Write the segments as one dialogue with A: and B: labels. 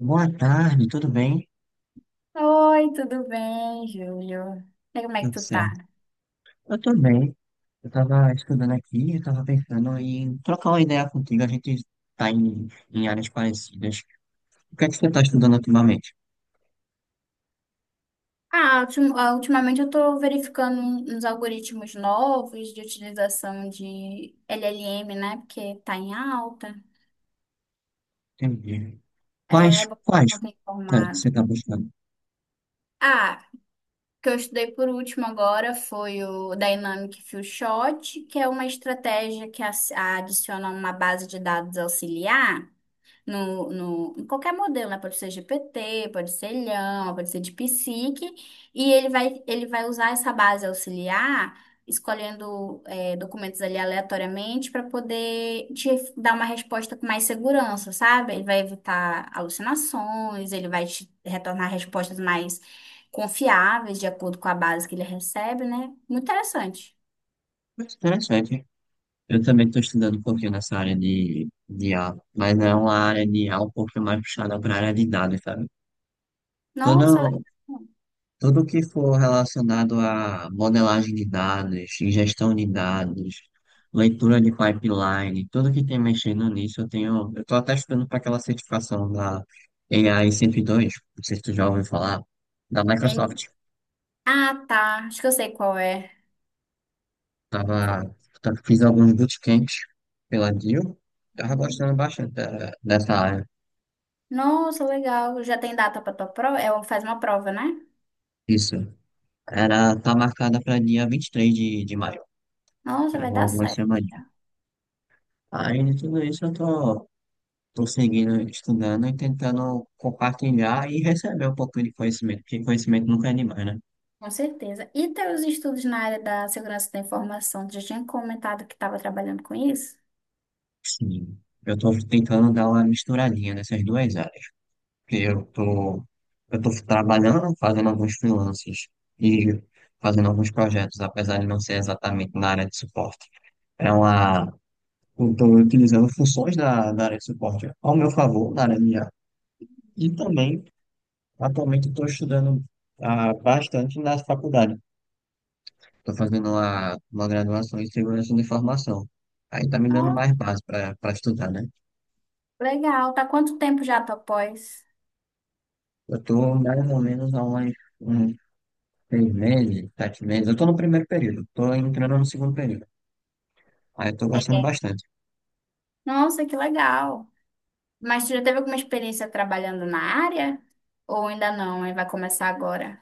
A: Boa tarde, tudo bem?
B: Oi, tudo bem, Júlio? E como é que
A: Tudo
B: tu
A: certo.
B: tá?
A: Eu tô bem. Eu tava estudando aqui, eu tava pensando em trocar uma ideia contigo. A gente tá em áreas parecidas. O que é que você tá estudando ultimamente?
B: Ultimamente eu tô verificando uns algoritmos novos de utilização de LLM, né? Porque tá em alta.
A: Entendi.
B: É,
A: Quais,
B: bom,
A: quais
B: eu tô
A: tá- que
B: informado.
A: você tá buscando?
B: Ah, o que eu estudei por último agora foi o Dynamic Fill Shot, que é uma estratégia adiciona uma base de dados auxiliar no, no, em qualquer modelo, né? Pode ser GPT, pode ser Llama, pode ser de psique, e ele vai usar essa base auxiliar, escolhendo, é, documentos ali aleatoriamente para poder te dar uma resposta com mais segurança, sabe? Ele vai evitar alucinações, ele vai te retornar respostas mais confiáveis, de acordo com a base que ele recebe, né? Muito interessante.
A: Mas interessante. Eu também estou estudando um pouquinho nessa área de I a, mas é uma área de I a um pouquinho mais puxada pra área de dados, sabe? Tô no,
B: Nossa, legal.
A: Tudo que for relacionado a modelagem de dados, ingestão de dados, leitura de pipeline, tudo que tem mexendo nisso, eu estou até estudando para aquela certificação da AI 102, não sei se tu já ouviu falar, da
B: Ele...
A: Microsoft.
B: Ah, tá. Acho que eu sei qual é.
A: Tava, Fiz alguns bootcamps pela DIL, tava gostando bastante dessa área.
B: Nossa, legal. Já tem data para tua prova? É, faz uma prova, né?
A: Isso, tá marcada para dia 23 de maio,
B: Nossa,
A: tem
B: vai dar
A: algumas
B: certo,
A: semanas.
B: já.
A: Aí, de tudo isso, eu tô estou seguindo, estudando e tentando compartilhar e receber um pouquinho de conhecimento, porque conhecimento nunca é demais, né?
B: Com certeza. E teus estudos na área da segurança da informação? Tu já tinha comentado que estava trabalhando com isso?
A: Sim. Eu estou tentando dar uma misturadinha nessas duas áreas, porque eu tô trabalhando, fazendo alguns freelances e fazendo alguns projetos, apesar de não ser exatamente na área de suporte. É uma, eu estou utilizando funções da área de suporte ao meu favor, na área minha. E também, atualmente, estou estudando bastante na faculdade. Estou fazendo lá uma graduação em segurança da informação. Aí tá me dando mais
B: Nossa,
A: base para para estudar, né?
B: legal. Tá quanto tempo já tua pós?
A: Eu tô mais ou menos há uns seis meses, sete meses. Eu tô no primeiro período, tô entrando no segundo período. Aí eu tô gostando
B: É.
A: bastante.
B: Nossa, que legal. Mas tu já teve alguma experiência trabalhando na área? Ou ainda não? Aí vai começar agora?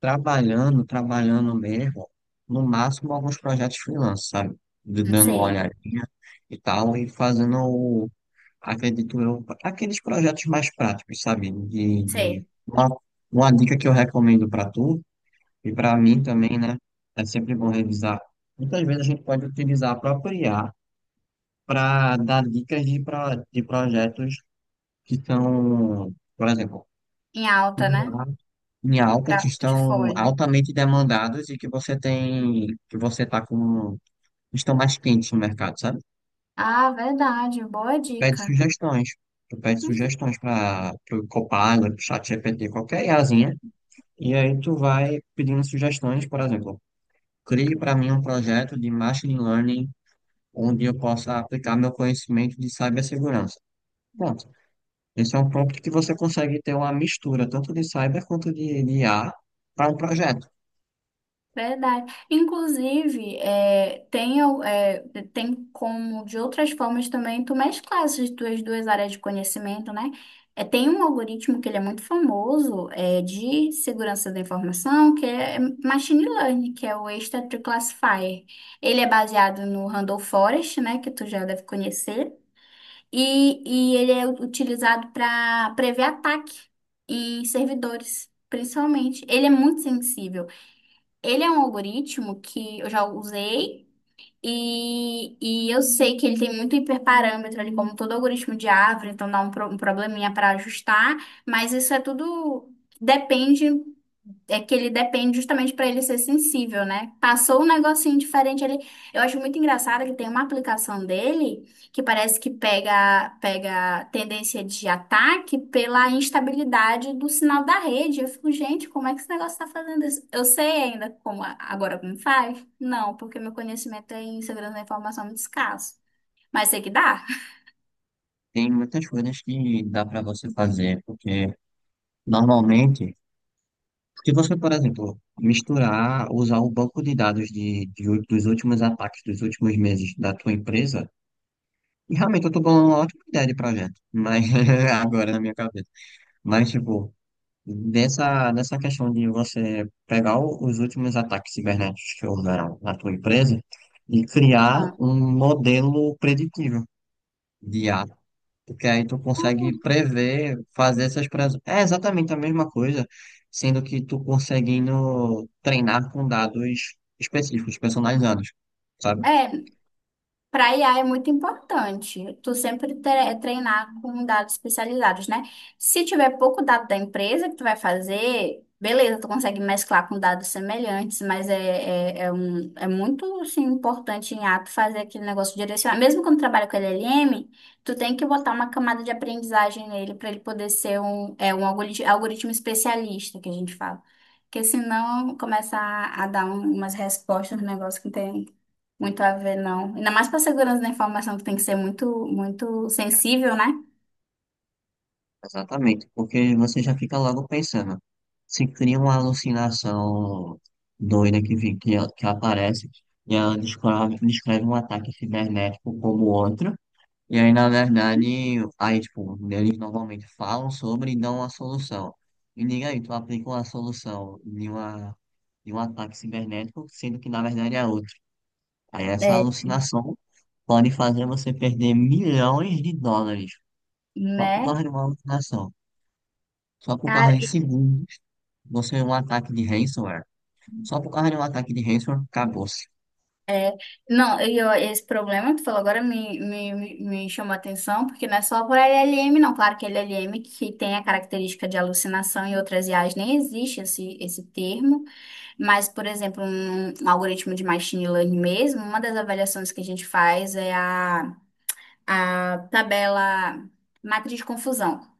A: Trabalhando mesmo, no máximo alguns projetos freelance, sabe?
B: Não
A: Dando uma
B: sei.
A: olhadinha e tal, e fazendo, acredito eu, aqueles projetos mais práticos, sabe?
B: Sei.
A: Uma dica que eu recomendo para tu. E para mim também, né, é sempre bom revisar. Muitas vezes a gente pode utilizar a própria IA para dar dicas de projetos que estão, por exemplo,
B: Em alta, né?
A: em alta, que
B: Para
A: estão
B: portfólio.
A: altamente demandados e que que você tá com, estão mais quentes no mercado, sabe?
B: Ah, verdade. Boa
A: Pede
B: dica.
A: sugestões. Tu pede sugestões para o Copilot, ChatGPT, qualquer IAzinha. E aí tu vai pedindo sugestões, por exemplo, crie para mim um projeto de machine learning onde eu possa aplicar meu conhecimento de cibersegurança. Pronto. Esse é um prompt que você consegue ter uma mistura tanto de cyber quanto de IA para um projeto.
B: Verdade. Inclusive, é, tem, é, tem como de outras formas também tu mesclar essas tuas duas áreas de conhecimento, né? É, tem um algoritmo que ele é muito famoso, é, de segurança da informação, que é Machine Learning, que é o Extra-Tree Classifier. Ele é baseado no Randall Forest, né, que tu já deve conhecer, e ele é utilizado para prever ataque em servidores, principalmente. Ele é muito sensível. Ele é um algoritmo que eu já usei e, e eu sei que ele tem muito hiperparâmetro ali, como todo algoritmo de árvore, então dá um probleminha para ajustar, mas isso é tudo depende. É que ele depende justamente para ele ser sensível, né? Passou um negocinho diferente ali. Eu acho muito engraçado que tem uma aplicação dele que parece que pega pega tendência de ataque pela instabilidade do sinal da rede. Eu fico, gente, como é que esse negócio tá fazendo isso? Eu sei ainda como agora como faz? Não, porque meu conhecimento é em segurança da informação é muito escasso. Mas sei que dá.
A: Tem muitas coisas que dá para você fazer, porque normalmente, se você, por exemplo, misturar, usar o banco de dados dos últimos ataques, dos últimos meses da tua empresa, e realmente eu estou falando uma ótima ideia de projeto, mas agora na minha cabeça. Mas, tipo, nessa questão de você pegar os últimos ataques cibernéticos que houveram na tua empresa e criar
B: Aham.
A: um modelo preditivo de IA, porque aí tu consegue prever, fazer essas previsões. É exatamente a mesma coisa, sendo que tu conseguindo treinar com dados específicos, personalizados, sabe?
B: É, para IA é muito importante tu sempre treinar com dados especializados, né? Se tiver pouco dado da empresa que tu vai fazer, beleza, tu consegue mesclar com dados semelhantes, mas é muito assim, importante em ato fazer aquele negócio direcionar. Mesmo quando trabalha com LLM, tu tem que botar uma camada de aprendizagem nele para ele poder ser um, é, um algoritmo especialista, que a gente fala. Porque senão começa a dar umas respostas no negócio que não tem muito a ver, não. Ainda mais para segurança da informação, que tem que ser muito, muito sensível, né?
A: Exatamente, porque você já fica logo pensando. Se cria uma alucinação doida que aparece e ela descreve um ataque cibernético como outro, e aí, na verdade, aí, tipo, eles normalmente falam sobre e dão uma solução. E diga aí, tu aplica uma solução de um ataque cibernético, sendo que, na verdade, é outro. Aí, essa
B: É.
A: alucinação pode fazer você perder milhões de dólares só por
B: Né?
A: causa de uma alucinação. Só por
B: Cara,
A: causa de segundos, você é um ataque de ransomware. Só por causa de um ataque de ransomware, acabou-se.
B: é. Não, esse problema que tu falou agora me chamou a atenção, porque não é só por LLM, não. Claro que LLM que tem a característica de alucinação e outras IAs nem existe esse termo, mas, por exemplo, um algoritmo de machine learning mesmo, uma das avaliações que a gente faz é a tabela matriz de confusão.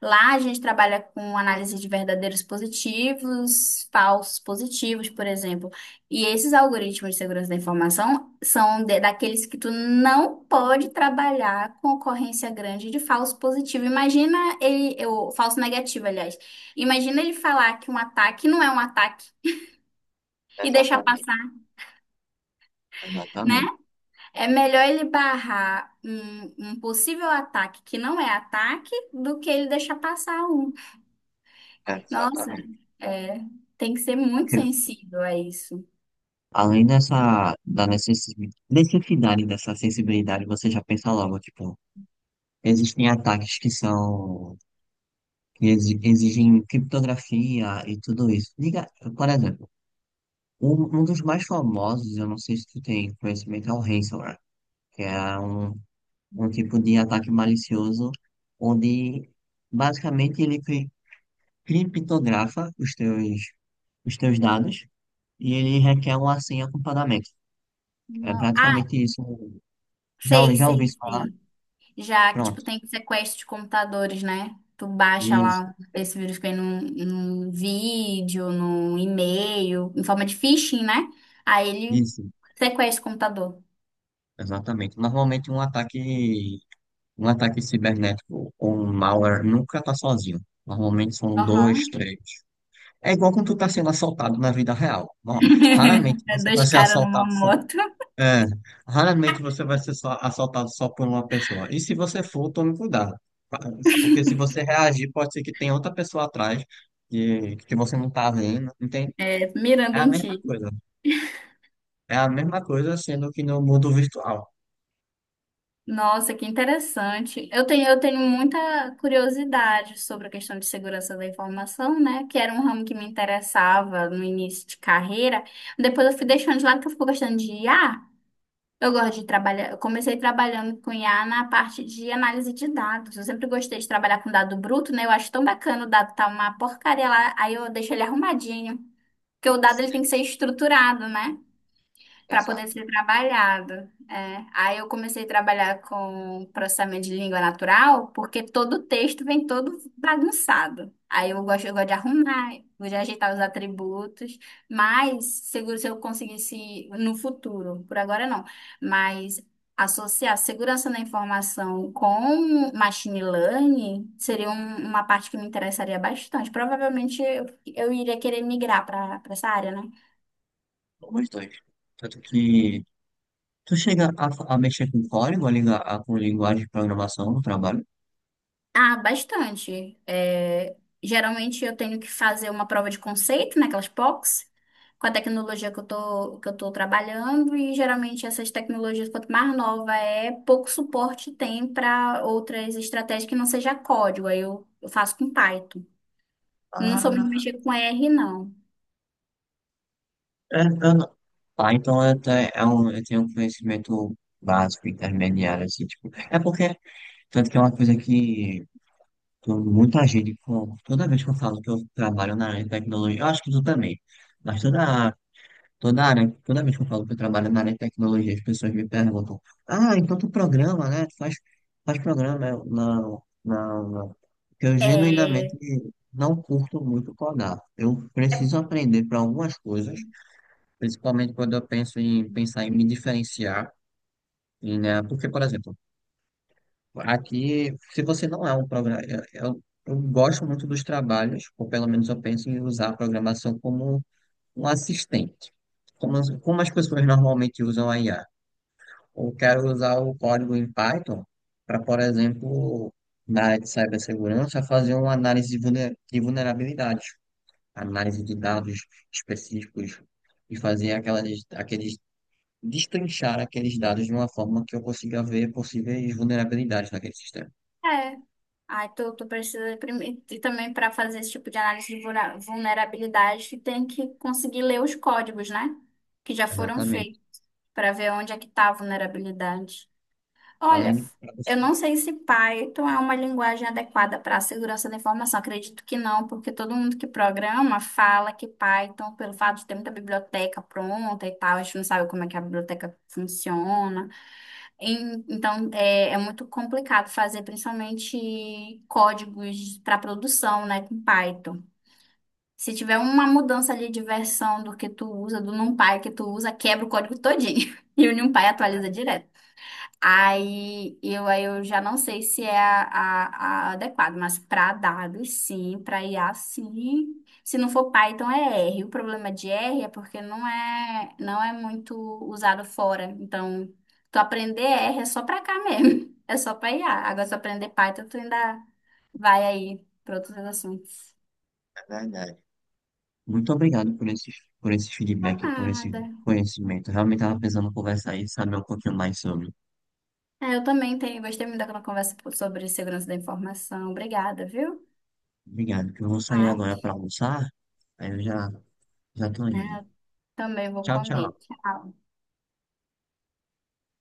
B: Lá a gente trabalha com análise de verdadeiros positivos, falsos positivos, por exemplo. E esses algoritmos de segurança da informação são daqueles que tu não pode trabalhar com ocorrência grande de falso positivo. Imagina ele, eu, falso negativo, aliás. Imagina ele falar que um ataque não é um ataque e deixar
A: Exatamente,
B: passar, né?
A: exatamente,
B: É melhor ele barrar um possível ataque que não é ataque do que ele deixar passar um. Nossa,
A: exatamente.
B: é, tem que ser muito
A: Porque
B: sensível a isso.
A: além dessa da necessi- necessidade dessa sensibilidade, você já pensa logo, tipo, existem ataques que são que exigem criptografia e tudo isso. Diga, por exemplo, um dos mais famosos, eu não sei se tu tem conhecimento, é o ransomware, que é um tipo de ataque malicioso, onde basicamente ele criptografa os teus dados e ele requer uma senha com pagamento. É
B: Ah,
A: praticamente isso. Já,
B: sei,
A: já ouvi
B: sei,
A: isso falar?
B: sei. Já que, tipo,
A: Pronto.
B: tem sequestro de computadores, né? Tu baixa
A: Isso,
B: lá esse vírus que vem num vídeo, num e-mail, em forma de phishing, né? Aí ele
A: isso,
B: sequestra o computador.
A: exatamente. Normalmente um ataque cibernético ou um malware nunca tá sozinho. Normalmente são dois,
B: Aham.
A: três. É igual quando tu tá sendo assaltado na vida real. Ó, raramente
B: É
A: você vai
B: dois
A: ser
B: caras numa
A: assaltado.
B: moto,
A: É, raramente você vai ser assaltado só por uma pessoa. E se você for, tome cuidado. Pa- Porque se você reagir, pode ser que tenha outra pessoa atrás que você não tá vendo, entende?
B: mirando
A: É a
B: em
A: mesma
B: ti.
A: coisa. É a mesma coisa sendo que no mundo virtual.
B: Nossa, que interessante. Eu tenho muita curiosidade sobre a questão de segurança da informação, né? Que era um ramo que me interessava no início de carreira. Depois eu fui deixando de lado porque eu fico gostando de IA. Eu gosto de trabalhar. Eu comecei trabalhando com IA na parte de análise de dados. Eu sempre gostei de trabalhar com dado bruto, né? Eu acho tão bacana o dado tá uma porcaria lá, aí eu deixo ele arrumadinho. Porque o dado ele tem que ser estruturado, né, para poder ser trabalhado. É. Aí eu comecei a trabalhar com processamento de língua natural, porque todo o texto vem todo bagunçado. Aí eu gosto de arrumar, gosto de ajeitar os atributos, mas seguro se eu conseguisse no futuro, por agora não, mas associar segurança da informação com machine learning seria uma parte que me interessaria bastante. Provavelmente eu iria querer migrar para essa área, né?
A: Como os dois. Tanto que tu chega a mexer com código, com linguagem de programação no trabalho.
B: Ah, bastante. É, geralmente eu tenho que fazer uma prova de conceito, né, aquelas POCs, com a tecnologia que eu tô trabalhando, e geralmente essas tecnologias, quanto mais nova é, pouco suporte tem para outras estratégias que não seja código. Eu faço com Python. Não sou muito
A: Ah,
B: mexer com R, não.
A: é, eu não- Ah, então é um, eu tenho um conhecimento básico, intermediário, assim, tipo. É porque, tanto que é uma coisa que muita gente, toda vez que eu falo que eu trabalho na área de tecnologia, eu acho que tu também, mas toda área, toda vez que eu falo que eu trabalho na área de tecnologia, as pessoas me perguntam, ah, então tu programa, né? Faz programa. Eu, não, não, não. Porque eu
B: É,
A: genuinamente não curto muito codar. Eu preciso aprender para algumas coisas. Principalmente quando eu penso em pensar em me diferenciar, e, né? Porque, por exemplo, aqui, se você não é um programa, eu gosto muito dos trabalhos, ou pelo menos eu penso em usar a programação como um assistente, como as pessoas normalmente usam a IA. Eu quero usar o código em Python para, por exemplo, na área de cibersegurança, fazer uma análise de vulnerabilidades, análise de dados específicos e fazer aquelas, aqueles destrinchar aqueles dados de uma forma que eu consiga ver possíveis vulnerabilidades naquele sistema.
B: é. Tu precisa primeiro, e também para fazer esse tipo de análise de vulnerabilidade, tu tem que conseguir ler os códigos, né? Que já foram
A: Exatamente.
B: feitos, para ver onde é que está a vulnerabilidade. Olha,
A: Aline, pra você.
B: eu não sei se Python é uma linguagem adequada para a segurança da informação. Acredito que não, porque todo mundo que programa fala que Python, pelo fato de ter muita biblioteca pronta e tal, a gente não sabe como é que a biblioteca funciona. Então, é, é muito complicado fazer, principalmente códigos para produção, né, com Python. Se tiver uma mudança ali de versão do que tu usa, do NumPy que tu usa, quebra o código todinho. E o NumPy atualiza direto. Aí eu já não sei se é a adequado, mas para dados sim, para IA sim. Se não for Python é R. O problema de R é porque não é muito usado fora. Então, tu aprender R é só para cá mesmo, é só para IA. Agora se tu aprender Python, tu ainda vai aí para outros assuntos.
A: É verdade. Muito obrigado por por esse
B: Pra
A: feedback, por esse
B: nada.
A: conhecimento. Eu realmente estava pensando em conversar e saber um pouquinho mais sobre.
B: É, eu também tenho, gostei muito daquela conversa sobre segurança da informação. Obrigada, viu?
A: Obrigado, que eu vou sair
B: Ai,
A: agora para almoçar, aí eu já tô
B: é,
A: indo.
B: eu também vou
A: Tchau,
B: comer.
A: tchau.
B: Tchau.